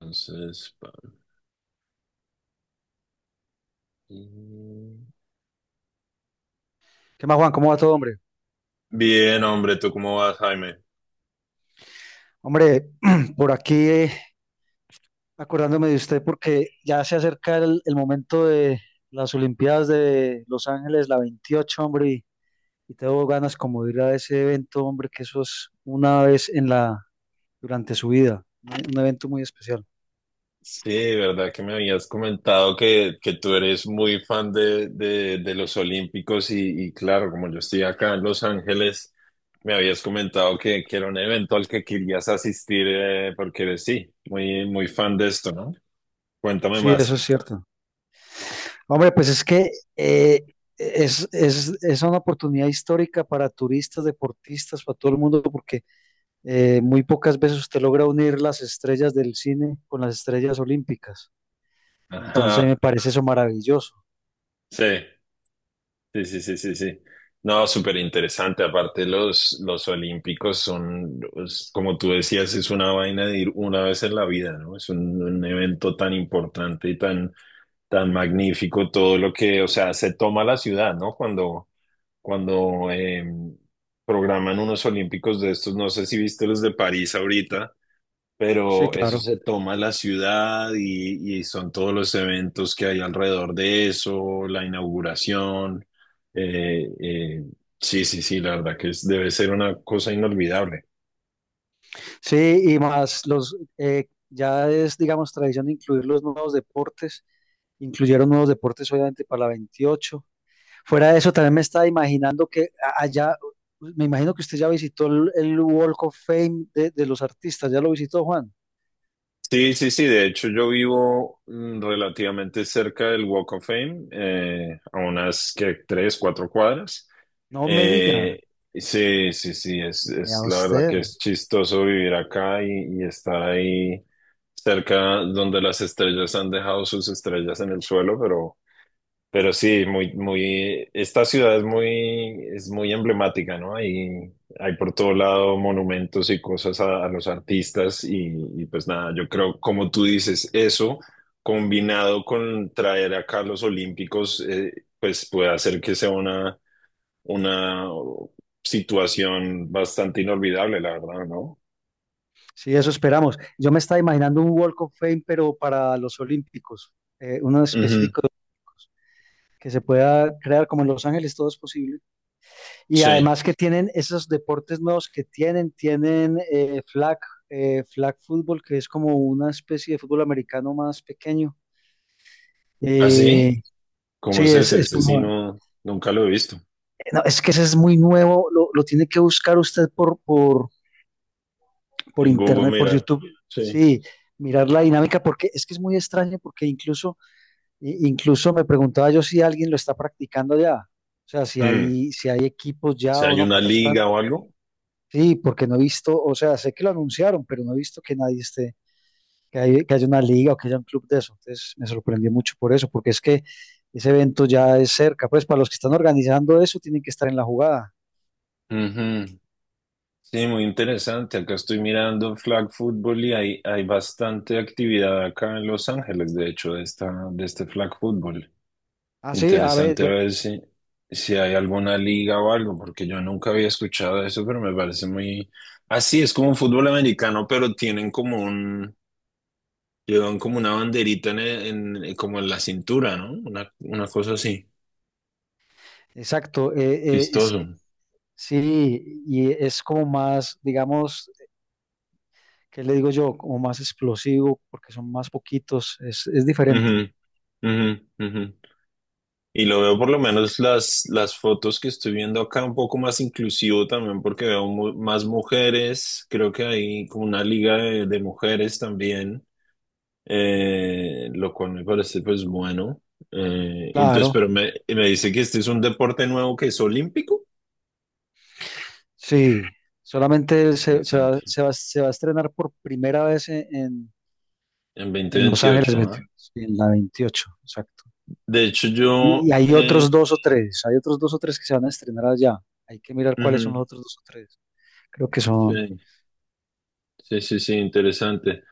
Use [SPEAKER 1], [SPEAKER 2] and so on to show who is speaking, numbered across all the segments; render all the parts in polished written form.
[SPEAKER 1] Entonces,
[SPEAKER 2] ¿Qué más, Juan? ¿Cómo va todo, hombre?
[SPEAKER 1] bien, hombre, ¿tú cómo vas, Jaime?
[SPEAKER 2] Hombre, por aquí acordándome de usted porque ya se acerca el momento de las Olimpiadas de Los Ángeles, la 28, hombre, y tengo ganas como de ir a ese evento, hombre, que eso es una vez en la, durante su vida, un evento muy especial.
[SPEAKER 1] Sí, verdad que me habías comentado que tú eres muy fan de los Olímpicos y claro, como yo estoy acá en Los Ángeles, me habías comentado que era un evento al que querías asistir, porque eres, sí, muy, muy fan de esto, ¿no? Cuéntame
[SPEAKER 2] Sí, eso
[SPEAKER 1] más.
[SPEAKER 2] es cierto. Hombre, pues es que eh, es una oportunidad histórica para turistas, deportistas, para todo el mundo, porque muy pocas veces usted logra unir las estrellas del cine con las estrellas olímpicas. Entonces me
[SPEAKER 1] Ajá.
[SPEAKER 2] parece eso maravilloso.
[SPEAKER 1] Sí. Sí, sí, sí, sí, sí. No, súper interesante. Aparte, los olímpicos son, como tú decías, es una vaina de ir una vez en la vida, ¿no? Es un evento tan importante y tan, tan magnífico, todo lo que, o sea, se toma la ciudad, ¿no? Cuando programan unos olímpicos de estos, no sé si viste los de París ahorita,
[SPEAKER 2] Sí,
[SPEAKER 1] pero eso
[SPEAKER 2] claro.
[SPEAKER 1] se toma la ciudad y son todos los eventos que hay alrededor de eso, la inauguración. eh, eh, sí, sí, sí, la verdad que debe ser una cosa inolvidable.
[SPEAKER 2] Sí, y más los, ya es, digamos, tradición incluir los nuevos deportes. Incluyeron nuevos deportes, obviamente, para la 28. Fuera de eso, también me estaba imaginando que allá, me imagino que usted ya visitó el Walk of Fame de los artistas. ¿Ya lo visitó, Juan?
[SPEAKER 1] Sí, sí, sí, de hecho yo vivo, relativamente cerca del Walk of Fame, a unas que tres, cuatro cuadras.
[SPEAKER 2] No me diga.
[SPEAKER 1] Eh, sí, sí, sí, es,
[SPEAKER 2] Vea
[SPEAKER 1] es la verdad
[SPEAKER 2] usted.
[SPEAKER 1] que es chistoso vivir acá y estar ahí cerca donde las estrellas han dejado sus estrellas en el suelo, pero sí, muy, muy, esta ciudad es muy emblemática, ¿no? Hay por todo lado monumentos y cosas a los artistas y pues nada, yo creo, como tú dices, eso combinado con traer acá los Olímpicos, pues puede hacer que sea una situación bastante inolvidable, la verdad, ¿no?
[SPEAKER 2] Sí, eso esperamos. Yo me estaba imaginando un Walk of Fame, pero para los Olímpicos, uno
[SPEAKER 1] Ujú.
[SPEAKER 2] específico de Olímpicos, que se pueda crear como en Los Ángeles, todo es posible. Y
[SPEAKER 1] Sí.
[SPEAKER 2] además que tienen esos deportes nuevos que tienen flag, flag fútbol, que es como una especie de fútbol americano más pequeño.
[SPEAKER 1] ¿Así?
[SPEAKER 2] Eh, sí,
[SPEAKER 1] ¿Cómo es
[SPEAKER 2] es,
[SPEAKER 1] ese?
[SPEAKER 2] es
[SPEAKER 1] Ese sí
[SPEAKER 2] como-
[SPEAKER 1] no, nunca lo he visto.
[SPEAKER 2] no, es que ese es muy nuevo, lo tiene que buscar usted por
[SPEAKER 1] En Google,
[SPEAKER 2] internet, por
[SPEAKER 1] mira.
[SPEAKER 2] YouTube.
[SPEAKER 1] Sí.
[SPEAKER 2] Sí, mirar la dinámica, porque es que es muy extraño, porque incluso incluso me preguntaba yo si alguien lo está practicando ya, o sea,
[SPEAKER 1] Mm,
[SPEAKER 2] si hay equipos ya
[SPEAKER 1] Si
[SPEAKER 2] o
[SPEAKER 1] hay
[SPEAKER 2] no,
[SPEAKER 1] una
[SPEAKER 2] porque están,
[SPEAKER 1] liga o algo.
[SPEAKER 2] sí, porque no he visto, o sea, sé que lo anunciaron, pero no he visto que nadie esté, que haya una liga o que haya un club de eso. Entonces me sorprendió mucho por eso, porque es que ese evento ya es cerca, pues para los que están organizando eso tienen que estar en la jugada.
[SPEAKER 1] Ujú. Sí, muy interesante. Acá estoy mirando flag football y hay bastante actividad acá en Los Ángeles, de hecho, de este flag football.
[SPEAKER 2] Ah, sí, a ver,
[SPEAKER 1] Interesante, a
[SPEAKER 2] yo,
[SPEAKER 1] ver si hay alguna liga o algo, porque yo nunca había escuchado eso, pero me parece muy... Así es como un fútbol americano, pero tienen como un... Llevan como una banderita en, el- en- como en la cintura, ¿no? Una cosa así,
[SPEAKER 2] exacto, es,
[SPEAKER 1] chistoso.
[SPEAKER 2] sí, y es como más, digamos, ¿qué le digo yo? Como más explosivo, porque son más poquitos, es diferente.
[SPEAKER 1] Ujú, ujú, ujú. Y lo veo por lo menos las fotos que estoy viendo acá un poco más inclusivo también porque veo más mujeres, creo que hay como una liga de mujeres también, lo cual me parece pues bueno. Y entonces,
[SPEAKER 2] Claro,
[SPEAKER 1] pero me dice que este es un deporte nuevo que es olímpico.
[SPEAKER 2] sí. Solamente
[SPEAKER 1] Interesante.
[SPEAKER 2] se va a estrenar por primera vez
[SPEAKER 1] En dos mil
[SPEAKER 2] en Los
[SPEAKER 1] veintiocho
[SPEAKER 2] Ángeles 21,
[SPEAKER 1] ¿ah?
[SPEAKER 2] sí, en la 28, exacto.
[SPEAKER 1] De hecho, yo.
[SPEAKER 2] Y hay otros dos o tres, hay otros dos o tres que se van a estrenar allá. Hay que mirar cuáles son los
[SPEAKER 1] Ujú.
[SPEAKER 2] otros dos o tres. Creo que
[SPEAKER 1] Sí,
[SPEAKER 2] son,
[SPEAKER 1] sí, sí, sí, interesante.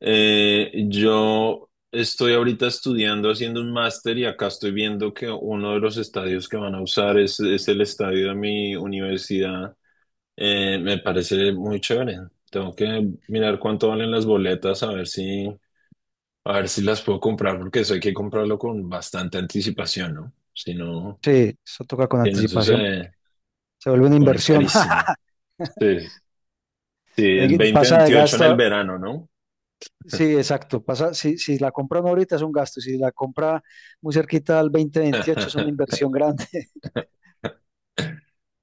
[SPEAKER 1] Yo estoy ahorita estudiando, haciendo un máster y acá estoy viendo que uno de los estadios que van a usar es el estadio de mi universidad. Me parece muy chévere. Tengo que mirar cuánto valen las boletas, a ver si las puedo comprar, porque eso hay que comprarlo con bastante anticipación, ¿no? Si no,
[SPEAKER 2] sí, eso toca con
[SPEAKER 1] si no, eso
[SPEAKER 2] anticipación.
[SPEAKER 1] se
[SPEAKER 2] Se vuelve una
[SPEAKER 1] pone
[SPEAKER 2] inversión.
[SPEAKER 1] carísima. Sí, sí, es dos mil
[SPEAKER 2] Pasa de
[SPEAKER 1] veintiocho en el
[SPEAKER 2] gasto,
[SPEAKER 1] verano, ¿no?
[SPEAKER 2] sí, exacto. Pasa, si, si la compran ahorita es un gasto, si la compra muy cerquita al 2028 es una inversión grande.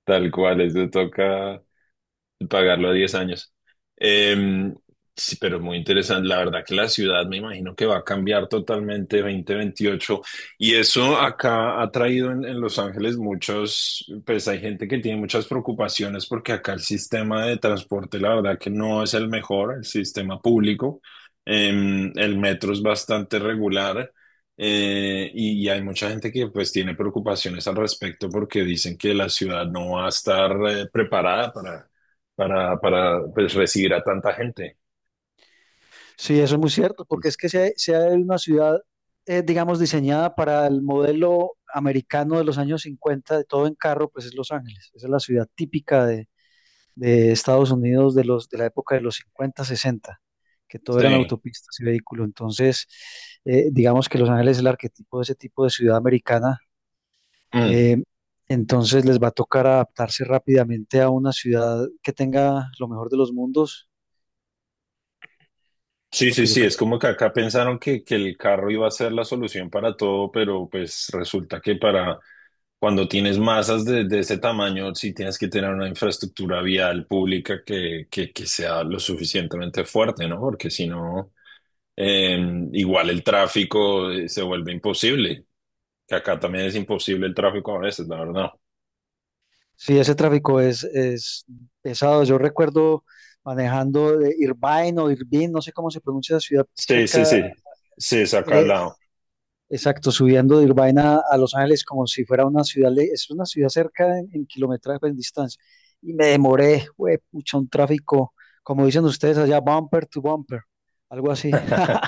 [SPEAKER 1] Tal cual, eso toca pagarlo a 10 años. Em, sí, pero muy interesante. La verdad que la ciudad me imagino que va a cambiar totalmente 2028. Y eso acá ha traído en Los Ángeles muchos, pues hay gente que tiene muchas preocupaciones porque acá el sistema de transporte, la verdad, que no es el mejor, el sistema público. El metro es bastante regular. Y hay mucha gente que pues tiene preocupaciones al respecto porque dicen que la ciudad no va a estar, preparada para pues, recibir a tanta gente.
[SPEAKER 2] Sí, eso es muy cierto,
[SPEAKER 1] Sí.
[SPEAKER 2] porque es que sea, sea una ciudad, digamos, diseñada para el modelo americano de los años 50, de todo en carro, pues es Los Ángeles. Esa es la ciudad típica de Estados Unidos de los, de la época de los 50 60, que todo eran
[SPEAKER 1] Sí.
[SPEAKER 2] autopistas y vehículos. Entonces, digamos que Los Ángeles es el arquetipo de ese tipo de ciudad americana.
[SPEAKER 1] Mm.
[SPEAKER 2] eh, entonces les va a tocar adaptarse rápidamente a una ciudad que tenga lo mejor de los mundos,
[SPEAKER 1] Sí,
[SPEAKER 2] lo
[SPEAKER 1] sí,
[SPEAKER 2] que yo
[SPEAKER 1] sí, es
[SPEAKER 2] creo.
[SPEAKER 1] como que acá pensaron que el carro iba a ser la solución para todo, pero pues resulta que para cuando tienes masas de ese tamaño, sí tienes que tener una infraestructura vial pública que sea lo suficientemente fuerte, ¿no? Porque si no, igual el tráfico, se vuelve imposible, que acá también es imposible el tráfico a veces, la verdad.
[SPEAKER 2] Sí, ese tráfico es pesado. Yo recuerdo manejando de Irvine o Irvine, no sé cómo se pronuncia la ciudad
[SPEAKER 1] Sí, sí,
[SPEAKER 2] cerca,
[SPEAKER 1] sí, sí, es acá al
[SPEAKER 2] eh,
[SPEAKER 1] lado.
[SPEAKER 2] exacto, subiendo de Irvine a Los Ángeles como si fuera una ciudad, es una ciudad cerca en kilometraje, pues, en distancia. Y me demoré, güey, pucha, un tráfico, como dicen ustedes allá, bumper to bumper, algo así.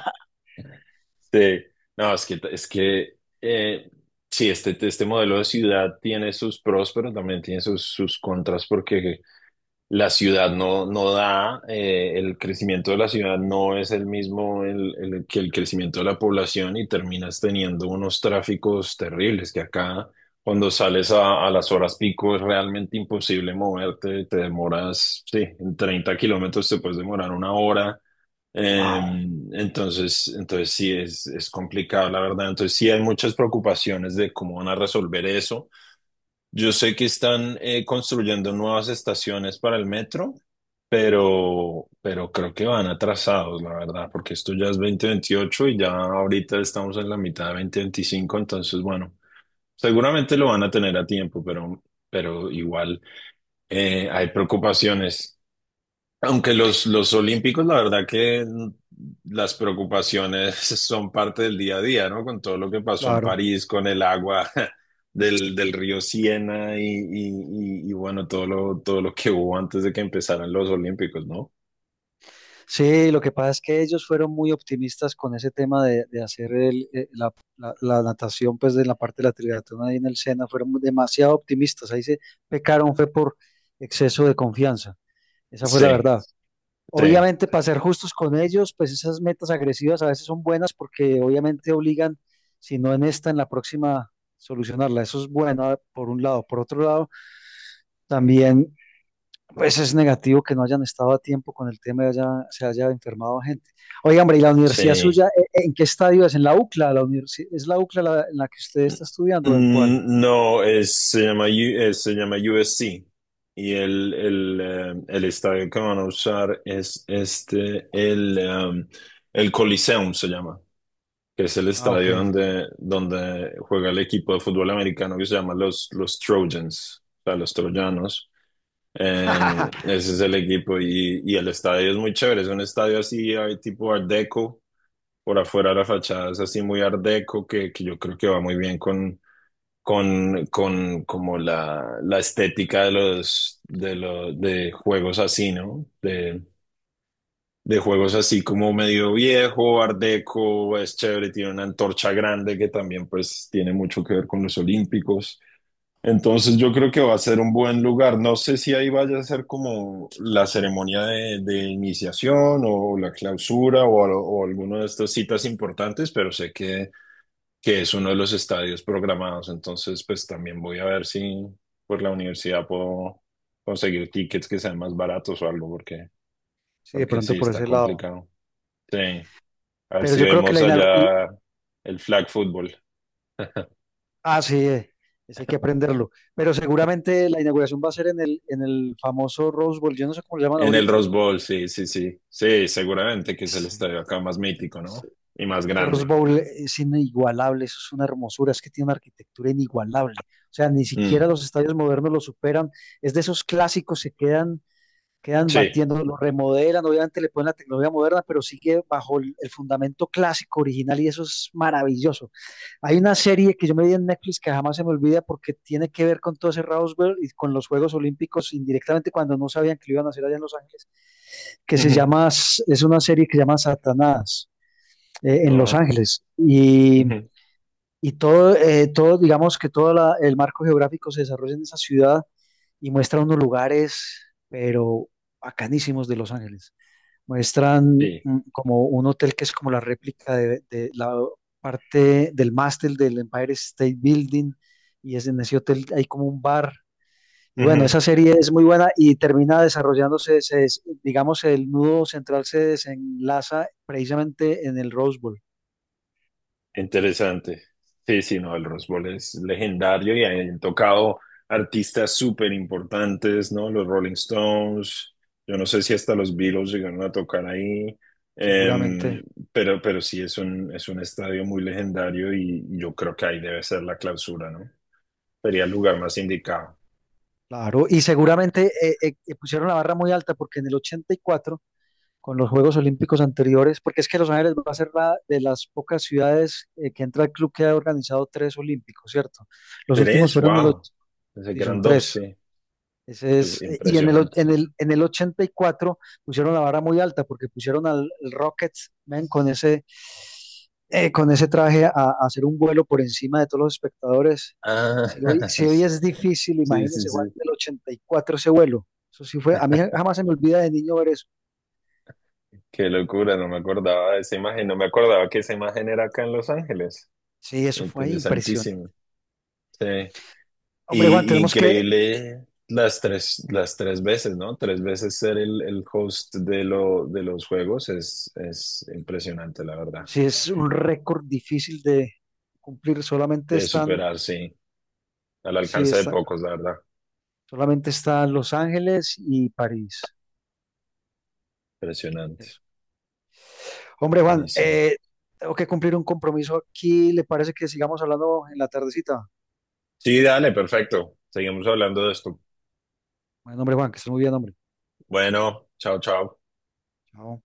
[SPEAKER 1] Sí, no, es que, eh, sí, este modelo de ciudad tiene sus pros, pero también tiene sus contras, porque la ciudad no, no da, el crecimiento de la ciudad no es el mismo que el crecimiento de la población y terminas teniendo unos tráficos terribles, que acá cuando sales a las horas pico es realmente imposible moverte, te demoras, sí, en 30 kilómetros te puedes demorar una hora. eh,
[SPEAKER 2] Wow.
[SPEAKER 1] entonces sí, es complicado, la verdad. Entonces sí hay muchas preocupaciones de cómo van a resolver eso. Yo sé que están, construyendo nuevas estaciones para el metro, pero creo que van atrasados, la verdad, porque esto ya es 2028 y ya ahorita estamos en la mitad de 2025, entonces bueno, seguramente lo van a tener a tiempo, pero igual, hay preocupaciones. Aunque los olímpicos, la verdad que, las preocupaciones son parte del día a día, ¿no? Con todo lo que pasó en
[SPEAKER 2] Claro.
[SPEAKER 1] París, con el agua del río Siena y, bueno, todo lo que hubo antes de que empezaran los olímpicos, ¿no?
[SPEAKER 2] Sí, lo que pasa es que ellos fueron muy optimistas con ese tema de hacer la natación, pues de la parte de la triatlón ahí en el Sena, fueron demasiado optimistas. Ahí se pecaron, fue por exceso de confianza. Esa fue la
[SPEAKER 1] Sí,
[SPEAKER 2] verdad.
[SPEAKER 1] sí,
[SPEAKER 2] Obviamente, para ser justos con ellos, pues esas metas agresivas a veces son buenas porque obviamente obligan, si no en esta, en la próxima, solucionarla. Eso es bueno, ah, por un lado. Por otro lado, también pues es negativo que no hayan estado a tiempo con el tema y se haya enfermado gente. Oiga, hombre, ¿y la universidad
[SPEAKER 1] sí.
[SPEAKER 2] suya en qué estadio es? ¿En la UCLA? ¿Es la UCLA en la que usted está estudiando o en cuál?
[SPEAKER 1] Mm, no, es, se llama, U- se llama USC y el estadio que van a usar es este, el Coliseum se llama. Que es el
[SPEAKER 2] Ah, ok.
[SPEAKER 1] estadio donde juega el equipo de fútbol americano que se llama los Trojans, o sea, los troyanos. Ese es el equipo y el estadio es muy chévere, es un estadio así hay tipo Art Deco, por afuera la fachada es así muy Art Deco, que yo creo que va muy bien con como la estética de los, de los de juegos así, ¿no? De juegos así como medio viejo, art deco, es chévere, tiene una antorcha grande que también pues tiene mucho que ver con los olímpicos. Entonces yo creo que va a ser un buen lugar. No sé si ahí vaya a ser como la ceremonia de iniciación o la clausura, o alguna de estas citas importantes, pero sé que es uno de los estadios programados. Entonces pues también voy a ver si por la universidad puedo conseguir tickets que sean más baratos o algo, porque,
[SPEAKER 2] Sí, de
[SPEAKER 1] porque
[SPEAKER 2] pronto
[SPEAKER 1] sí,
[SPEAKER 2] por
[SPEAKER 1] está
[SPEAKER 2] ese lado.
[SPEAKER 1] complicado. Sí, a ver
[SPEAKER 2] Pero
[SPEAKER 1] si
[SPEAKER 2] yo creo que
[SPEAKER 1] vemos
[SPEAKER 2] la inauguración...
[SPEAKER 1] allá el flag football.
[SPEAKER 2] Ah, sí, ese hay que aprenderlo. Pero seguramente la inauguración va a ser en el famoso Rose Bowl. Yo no sé cómo le llaman
[SPEAKER 1] En el
[SPEAKER 2] ahorita.
[SPEAKER 1] Rose Bowl, sí, sí, sí. Sí, seguramente que es el
[SPEAKER 2] Sí.
[SPEAKER 1] estadio acá más mítico, ¿no? Y más
[SPEAKER 2] Ese Rose
[SPEAKER 1] grande.
[SPEAKER 2] Bowl es inigualable, eso es una hermosura, es que tiene una arquitectura inigualable. O sea, ni
[SPEAKER 1] Mm,
[SPEAKER 2] siquiera los estadios modernos lo superan. Es de esos clásicos se quedan, quedan
[SPEAKER 1] sí.
[SPEAKER 2] batiendo, lo remodelan, obviamente le ponen la tecnología moderna, pero sigue bajo el fundamento clásico original y eso es maravilloso. Hay una serie que yo me vi en Netflix que jamás se me olvida porque tiene que ver con todo ese Roswell y con los Juegos Olímpicos indirectamente cuando no sabían que lo iban a hacer allá en Los Ángeles, que se
[SPEAKER 1] Ujú.
[SPEAKER 2] llama, es una serie que se llama Satanás en Los
[SPEAKER 1] Ah,
[SPEAKER 2] Ángeles.
[SPEAKER 1] ujú.
[SPEAKER 2] Y todo, todo, digamos que todo el marco geográfico se desarrolla en esa ciudad y muestra unos lugares, pero bacanísimos de Los Ángeles. Muestran
[SPEAKER 1] Sí.
[SPEAKER 2] como un hotel que es como la réplica de la parte del mástil del Empire State Building y es en ese hotel hay como un bar. Y bueno,
[SPEAKER 1] Ujú.
[SPEAKER 2] esa serie es muy buena y termina desarrollándose, digamos, el nudo central se desenlaza precisamente en el Rose Bowl,
[SPEAKER 1] Interesante. Sí, sí, no, el Rose Bowl es legendario y han tocado artistas súper importantes, ¿no? Los Rolling Stones, yo no sé si hasta los Beatles llegaron a tocar ahí, em,
[SPEAKER 2] seguramente.
[SPEAKER 1] pero sí es un estadio muy legendario y yo creo que ahí debe ser la clausura, ¿no? Sería el lugar más indicado.
[SPEAKER 2] Claro, y seguramente pusieron la barra muy alta porque en el 84 con los Juegos Olímpicos anteriores, porque es que Los Ángeles va a ser la de las pocas ciudades que entra el club que ha organizado tres olímpicos, ¿cierto? Los últimos
[SPEAKER 1] Tres,
[SPEAKER 2] fueron de los,
[SPEAKER 1] wow. Pensé
[SPEAKER 2] sí,
[SPEAKER 1] que eran
[SPEAKER 2] son
[SPEAKER 1] dos,
[SPEAKER 2] tres,
[SPEAKER 1] sí.
[SPEAKER 2] ese es, y en
[SPEAKER 1] Impresionante.
[SPEAKER 2] en el 84 pusieron la vara muy alta porque pusieron al Rockets man, con ese traje a hacer un vuelo por encima de todos los espectadores.
[SPEAKER 1] Ah,
[SPEAKER 2] Si hoy es difícil,
[SPEAKER 1] sí, sí,
[SPEAKER 2] imagínense Juan,
[SPEAKER 1] sí.
[SPEAKER 2] del 84 ese vuelo. Eso sí fue, a mí jamás se me olvida de niño ver eso.
[SPEAKER 1] Qué locura, no me acordaba de esa imagen, no me acordaba que esa imagen era acá en Los Ángeles.
[SPEAKER 2] Sí, eso fue impresionante.
[SPEAKER 1] Interesantísimo. Sí.
[SPEAKER 2] Hombre, Juan,
[SPEAKER 1] Y
[SPEAKER 2] tenemos que,
[SPEAKER 1] increíble las tres veces, ¿no? Tres veces ser el host de de los juegos es impresionante, la verdad.
[SPEAKER 2] si es un récord difícil de cumplir, solamente
[SPEAKER 1] De
[SPEAKER 2] están,
[SPEAKER 1] superar, sí. Al
[SPEAKER 2] si
[SPEAKER 1] alcance de
[SPEAKER 2] está,
[SPEAKER 1] pocos, la verdad.
[SPEAKER 2] solamente están Los Ángeles y París.
[SPEAKER 1] Impresionante.
[SPEAKER 2] Eso... Hombre, Juan,
[SPEAKER 1] Buenísimo.
[SPEAKER 2] tengo que cumplir un compromiso aquí. ¿Le parece que sigamos hablando en la tardecita?
[SPEAKER 1] Sí, dale, perfecto. Seguimos hablando de esto.
[SPEAKER 2] Bueno, hombre, Juan, que estés muy bien, hombre.
[SPEAKER 1] Bueno, chao, chao.
[SPEAKER 2] Chao.